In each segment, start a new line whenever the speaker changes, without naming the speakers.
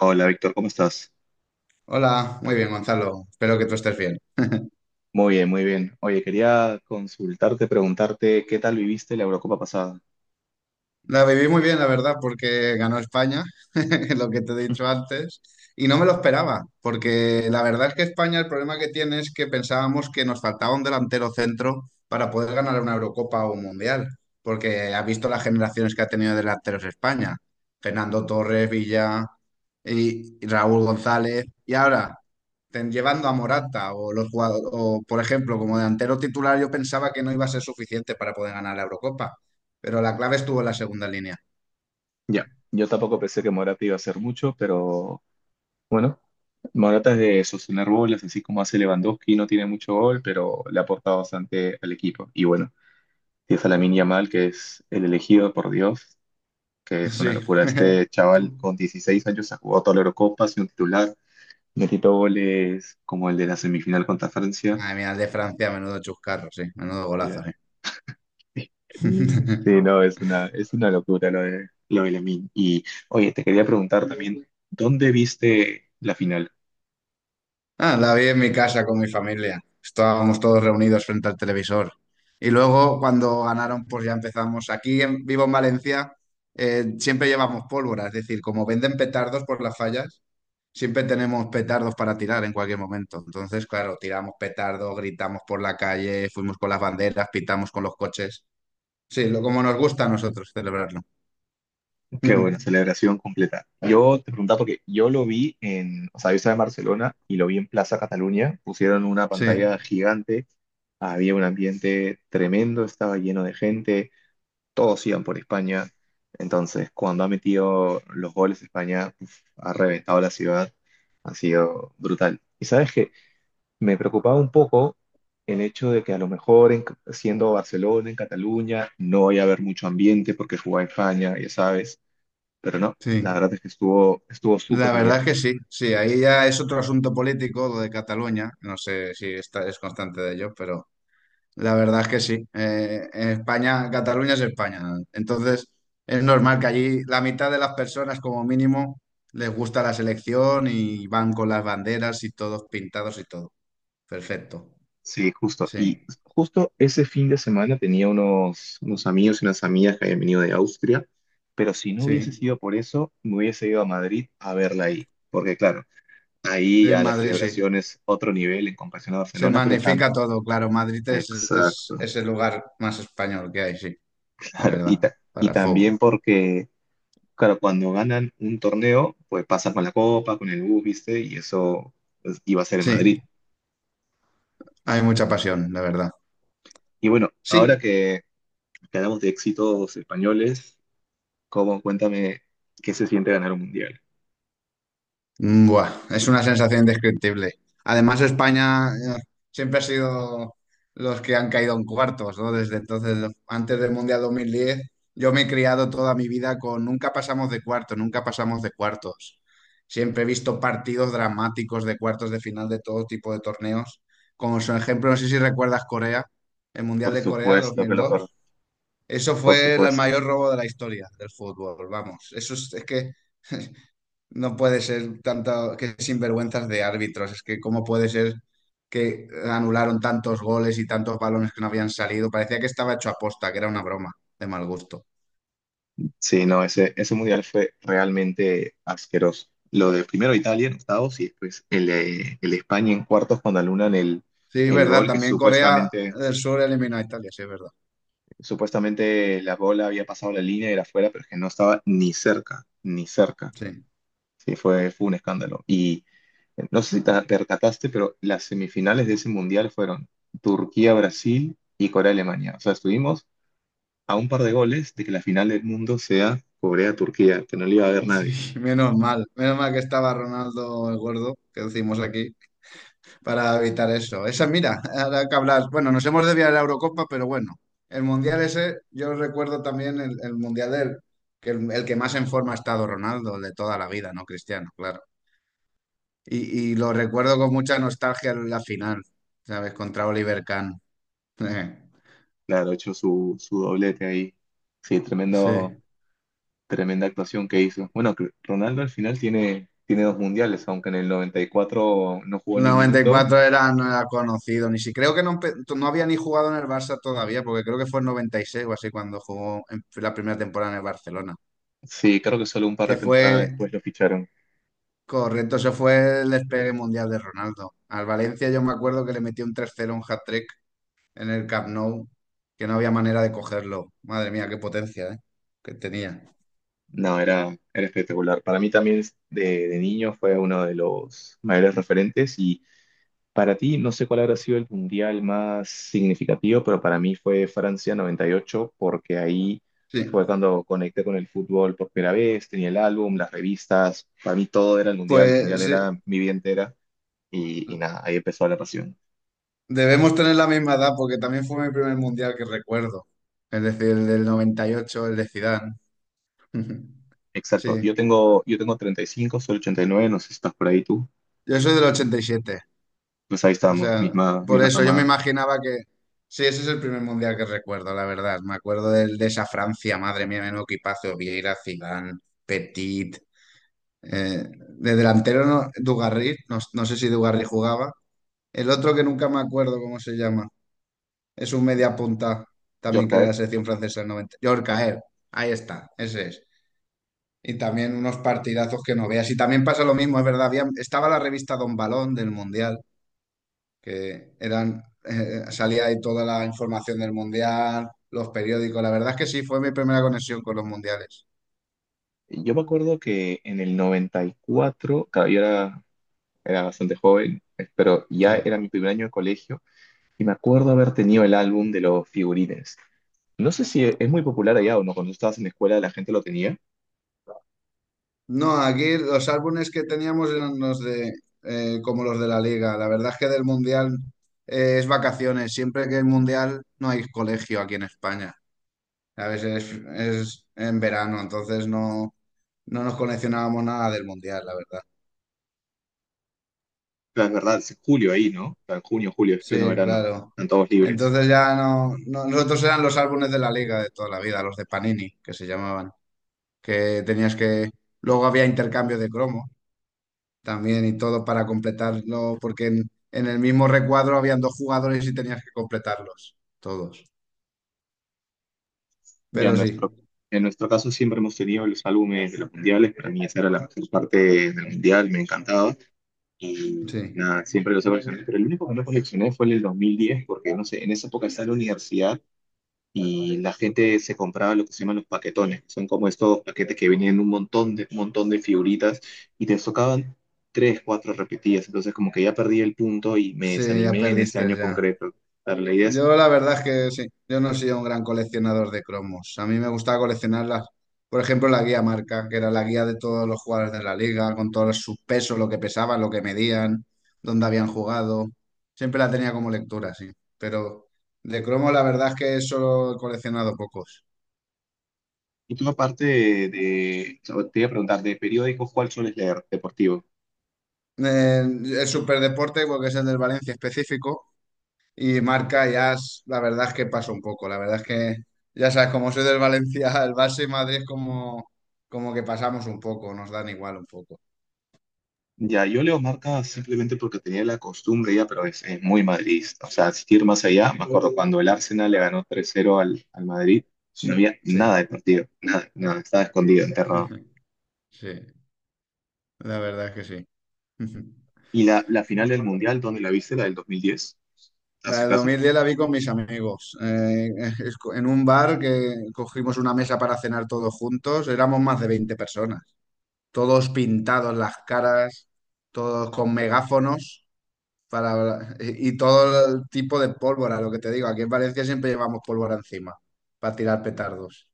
Hola Víctor, ¿cómo estás?
Hola, muy bien, Gonzalo. Espero que tú estés bien.
Muy bien, muy bien. Oye, quería consultarte, preguntarte qué tal viviste la Eurocopa pasada.
La viví muy bien, la verdad, porque ganó España, lo que te he dicho antes, y no me lo esperaba, porque la verdad es que España el problema que tiene es que pensábamos que nos faltaba un delantero centro para poder ganar una Eurocopa o un Mundial, porque ha visto las generaciones que ha tenido de delanteros España, Fernando Torres, Villa y Raúl González, y ahora llevando a Morata o los jugadores, o por ejemplo, como delantero titular, yo pensaba que no iba a ser suficiente para poder ganar la Eurocopa. Pero la clave estuvo en la segunda línea.
Ya, yo tampoco pensé que Morata iba a hacer mucho, pero bueno, Morata es de sostener bolas, así como hace Lewandowski, no tiene mucho gol, pero le ha aportado bastante al equipo. Y bueno, tienes a Lamine Yamal, que es el elegido por Dios, que es una
Sí.
locura. Este chaval
Tú.
con 16 años ha jugado toda la Eurocopa, ha sido un titular, metido goles como el de la semifinal contra Francia.
Madre mía, el de Francia, menudo chuscarro, sí. Menudo golazo, sí.
Sí, no, es una locura lo de Lamine. Y oye, te quería preguntar también, ¿dónde viste la final?
Ah, la vi en mi casa con mi familia. Estábamos todos reunidos frente al televisor. Y luego, cuando ganaron, pues ya empezamos. Aquí en, vivo en Valencia, siempre llevamos pólvora. Es decir, como venden petardos por las fallas, siempre tenemos petardos para tirar en cualquier momento. Entonces, claro, tiramos petardos, gritamos por la calle, fuimos con las banderas, pitamos con los coches. Sí, lo, como nos gusta a nosotros celebrarlo.
Qué buena celebración completa. Yo te preguntaba porque yo lo vi en, o sea, yo estaba en Barcelona y lo vi en Plaza Cataluña. Pusieron una
Sí,
pantalla gigante, había un ambiente tremendo, estaba lleno de gente, todos iban por España. Entonces, cuando ha metido los goles España, uf, ha reventado la ciudad, ha sido brutal. ¿Y sabes qué? Me preocupaba un poco el hecho de que a lo mejor siendo Barcelona, en Cataluña, no vaya a haber mucho ambiente porque jugaba en España, ya sabes, pero no, la
sí.
verdad es que estuvo
La
súper
verdad
bien.
es que sí, sí. Ahí ya es otro asunto político lo de Cataluña. No sé si es constante de ello, pero la verdad es que sí. En España, Cataluña es España. Entonces, es normal que allí la mitad de las personas, como mínimo, les gusta la selección y van con las banderas y todos pintados y todo. Perfecto.
Sí, justo. Y
Sí,
justo ese fin de semana tenía unos amigos y unas amigas que habían venido de Austria, pero si no hubiese
sí.
sido por eso, me hubiese ido a Madrid a verla ahí, porque claro, ahí
En
a las
Madrid, sí.
celebraciones otro nivel en comparación a
Se
Barcelona, pero tan...
magnifica todo, claro. Madrid
Exacto,
es el lugar más español que hay, sí, de
claro. Y,
verdad,
ta- y
para el fútbol.
también porque claro, cuando ganan un torneo, pues pasan con la copa, con el bus, ¿viste? Y eso pues, iba a ser en
Sí,
Madrid.
hay mucha pasión, de verdad.
Y bueno,
Sí,
ahora que hablamos de éxitos españoles, ¿cómo? Cuéntame qué se siente ganar un mundial.
mm, buah, es una sensación indescriptible. Además, España siempre ha sido los que han caído en cuartos, ¿no? Desde entonces, antes del Mundial 2010, yo me he criado toda mi vida con nunca pasamos de cuartos, nunca pasamos de cuartos. Siempre he visto partidos dramáticos de cuartos de final de todo tipo de torneos. Como su ejemplo, no sé si recuerdas Corea, el Mundial
Por
de Corea dos
supuesto que
mil
lo por,
dos. Eso
por
fue el
supuesto.
mayor robo de la historia del fútbol, vamos. Eso es que no puede ser tanto que sinvergüenzas de árbitros. Es que cómo puede ser que anularon tantos goles y tantos balones que no habían salido. Parecía que estaba hecho a posta, que era una broma de mal gusto.
Sí, no, ese mundial fue realmente asqueroso. Lo de primero Italia en octavos y después el de España en cuartos cuando anulan el,
Sí, es
el
verdad.
gol que
También Corea
supuestamente
del Sur eliminó a Italia, sí, es verdad.
supuestamente la bola había pasado la línea y era fuera, pero es que no estaba ni cerca, ni cerca.
Sí.
Sí, fue un escándalo. Y no sé si te percataste, pero las semifinales de ese mundial fueron Turquía, Brasil y Corea, Alemania. O sea, estuvimos a un par de goles de que la final del mundo sea Corea, Turquía, que no le iba a ver nadie.
Sí, menos mal. Menos mal que estaba Ronaldo el gordo, que decimos aquí, para evitar eso. Esa, mira, ahora que hablas, bueno, nos hemos desviado de la Eurocopa, pero bueno, el Mundial ese, yo recuerdo también el Mundial del, que el que más en forma ha estado Ronaldo, el de toda la vida, ¿no? Cristiano, claro. Y lo recuerdo con mucha nostalgia en la final, ¿sabes? Contra Oliver Kahn.
Claro, hecho su doblete ahí. Sí,
Sí.
tremenda actuación que hizo. Bueno, que Ronaldo al final tiene dos mundiales, aunque en el 94 no jugó ni un
Noventa y
minuto.
cuatro era, no era conocido, ni si creo que no, no había ni jugado en el Barça todavía, porque creo que fue en 96 o así cuando jugó en la primera temporada en el Barcelona,
Sí, creo que solo un par de
que
temporadas
fue.
después lo ficharon.
Correcto, eso fue el despegue mundial de Ronaldo. Al Valencia yo me acuerdo que le metió un tres cero, un hat-trick en el Camp Nou, que no había manera de cogerlo. Madre mía, qué potencia, ¿eh? Que tenía.
No, era espectacular. Para mí también de niño fue uno de los mayores referentes y para ti no sé cuál habrá sido el mundial más significativo, pero para mí fue Francia 98 porque ahí fue
Sí,
cuando conecté con el fútbol por primera vez, tenía el álbum, las revistas, para mí todo era el mundial
pues sí,
era mi vida entera y nada, ahí empezó la pasión.
debemos tener la misma edad porque también fue mi primer mundial que recuerdo. Es decir, el del 98, el de Zidane.
Exacto, yo
Sí,
tengo, yo tengo 35, soy 89, no sé si estás por ahí tú.
yo soy del 87.
Pues ahí
O
estamos,
sea,
misma,
por
misma
eso yo me
cama,
imaginaba que... Sí, ese es el primer mundial que recuerdo, la verdad. Me acuerdo de, esa Francia, madre mía, menudo equipazo. Vieira, Zidane, Petit... eh, de delantero, no, Dugarry, no, no sé si Dugarry jugaba. El otro que nunca me acuerdo cómo se llama. Es un media punta, también que era de
Yorkaes.
la selección francesa del 90. Yorkaer, ahí está, ese es. Y también unos partidazos que no veas. Y también pasa lo mismo, es verdad. Estaba la revista Don Balón del mundial, que eran, salía ahí toda la información del mundial, los periódicos. La verdad es que sí, fue mi primera conexión con los mundiales.
Yo me acuerdo que en el 94, claro, yo era bastante joven, pero
Sí.
ya era mi primer año de colegio y me acuerdo haber tenido el álbum de los figurines. No sé si es muy popular allá o no, cuando estabas en la escuela la gente lo tenía.
No, aquí los álbumes que teníamos eran los de, como los de la liga. La verdad es que del mundial es vacaciones. Siempre que hay mundial no hay colegio aquí en España. A veces es en verano, entonces no, no nos coleccionábamos nada del mundial, la verdad.
Pero es verdad, es julio ahí, ¿no? O sea, en junio, julio, es pleno
Sí,
verano,
claro.
están todos libres.
Entonces ya no, nosotros eran los álbumes de la liga de toda la vida, los de Panini, que se llamaban. Que tenías que... Luego había intercambio de cromo también y todo para completarlo, porque en el mismo recuadro habían dos jugadores y tenías que completarlos, todos.
Ya en
Pero sí,
nuestro, en nuestro caso siempre hemos tenido los álbumes de los mundiales, para mí esa era la mejor parte del mundial, me encantaba. Y
sí,
nada, siempre los he coleccionado, pero el único que no coleccioné fue el del 2010 porque no sé, en esa época estaba en la universidad y la gente se compraba lo que se llaman los paquetones, que son como estos paquetes que venían un montón de figuritas y te tocaban tres, cuatro repetidas, entonces como que ya perdí el punto y me
sí, ya
desanimé en ese año
perdiste ya.
concreto. Pero la idea es,
Yo la verdad es que sí, yo no soy un gran coleccionador de cromos. A mí me gustaba coleccionarlas, por ejemplo, la guía marca, que era la guía de todos los jugadores de la liga, con todos sus pesos, lo que pesaban, lo que medían, dónde habían jugado. Siempre la tenía como lectura, sí. Pero de cromos la verdad es que solo he coleccionado pocos.
y tú aparte te voy a preguntar, de periódicos, ¿cuál sueles leer? Deportivo.
El superdeporte, porque es el del Valencia específico. Y Marca ya, la verdad es que pasa un poco. La verdad es que, ya sabes, como soy del Valencia, el Barça y Madrid es como, como que pasamos un poco, nos dan igual un poco.
Ya, yo leo marca simplemente porque tenía la costumbre ya, pero es muy madridista. O sea, asistir más allá, me acuerdo cuando el Arsenal le ganó 3-0 al Madrid, no había nada
Sí,
de partido, nada, nada, estaba escondido, enterrado.
sí, la verdad es que sí.
Y la final del Mundial, ¿dónde la viste? La del 2010,
La
hace
de dos
caso.
mil diez la vi con mis amigos. En un bar que cogimos una mesa para cenar todos juntos, éramos más de 20 personas. Todos pintados las caras, todos con megáfonos para, y todo el tipo de pólvora, lo que te digo. Aquí en Valencia siempre llevamos pólvora encima para tirar petardos.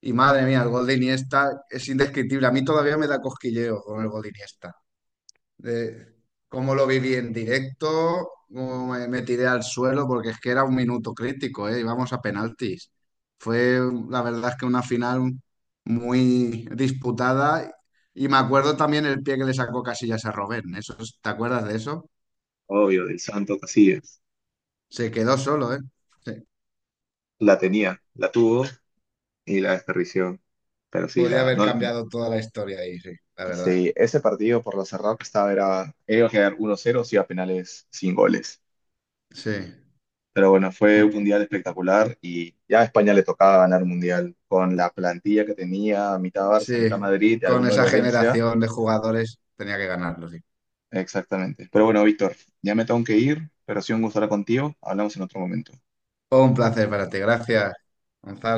Y madre mía, el gol de Iniesta es indescriptible. A mí todavía me da cosquilleo con el gol de Iniesta. De cómo lo viví en directo, cómo me tiré al suelo, porque es que era un minuto crítico, ¿eh? Íbamos a penaltis. Fue, la verdad es que una final muy disputada. Y me acuerdo también el pie que le sacó Casillas a Robben. ¿Eso, te acuerdas de eso?
Obvio, del Santo Casillas.
Se quedó solo, ¿eh? Sí,
La tenía, la tuvo y la desperdició. Pero sí,
podía
la,
haber
no, no-
cambiado toda la historia ahí, sí, la verdad.
sí, ese partido por lo cerrado que estaba era, iba a quedar 1-0 si iba a penales sin goles.
Sí,
Pero bueno, fue un mundial espectacular y ya a España le tocaba ganar un mundial con la plantilla que tenía, mitad Barça, mitad
sí.
Madrid y
Con
alguno del
esa
Valencia.
generación de jugadores tenía que ganarlo, sí.
Exactamente. Pero bueno, Víctor, ya me tengo que ir, pero ha sido un gusto hablar contigo. Hablamos en otro momento.
Un placer para ti, gracias, Gonzalo.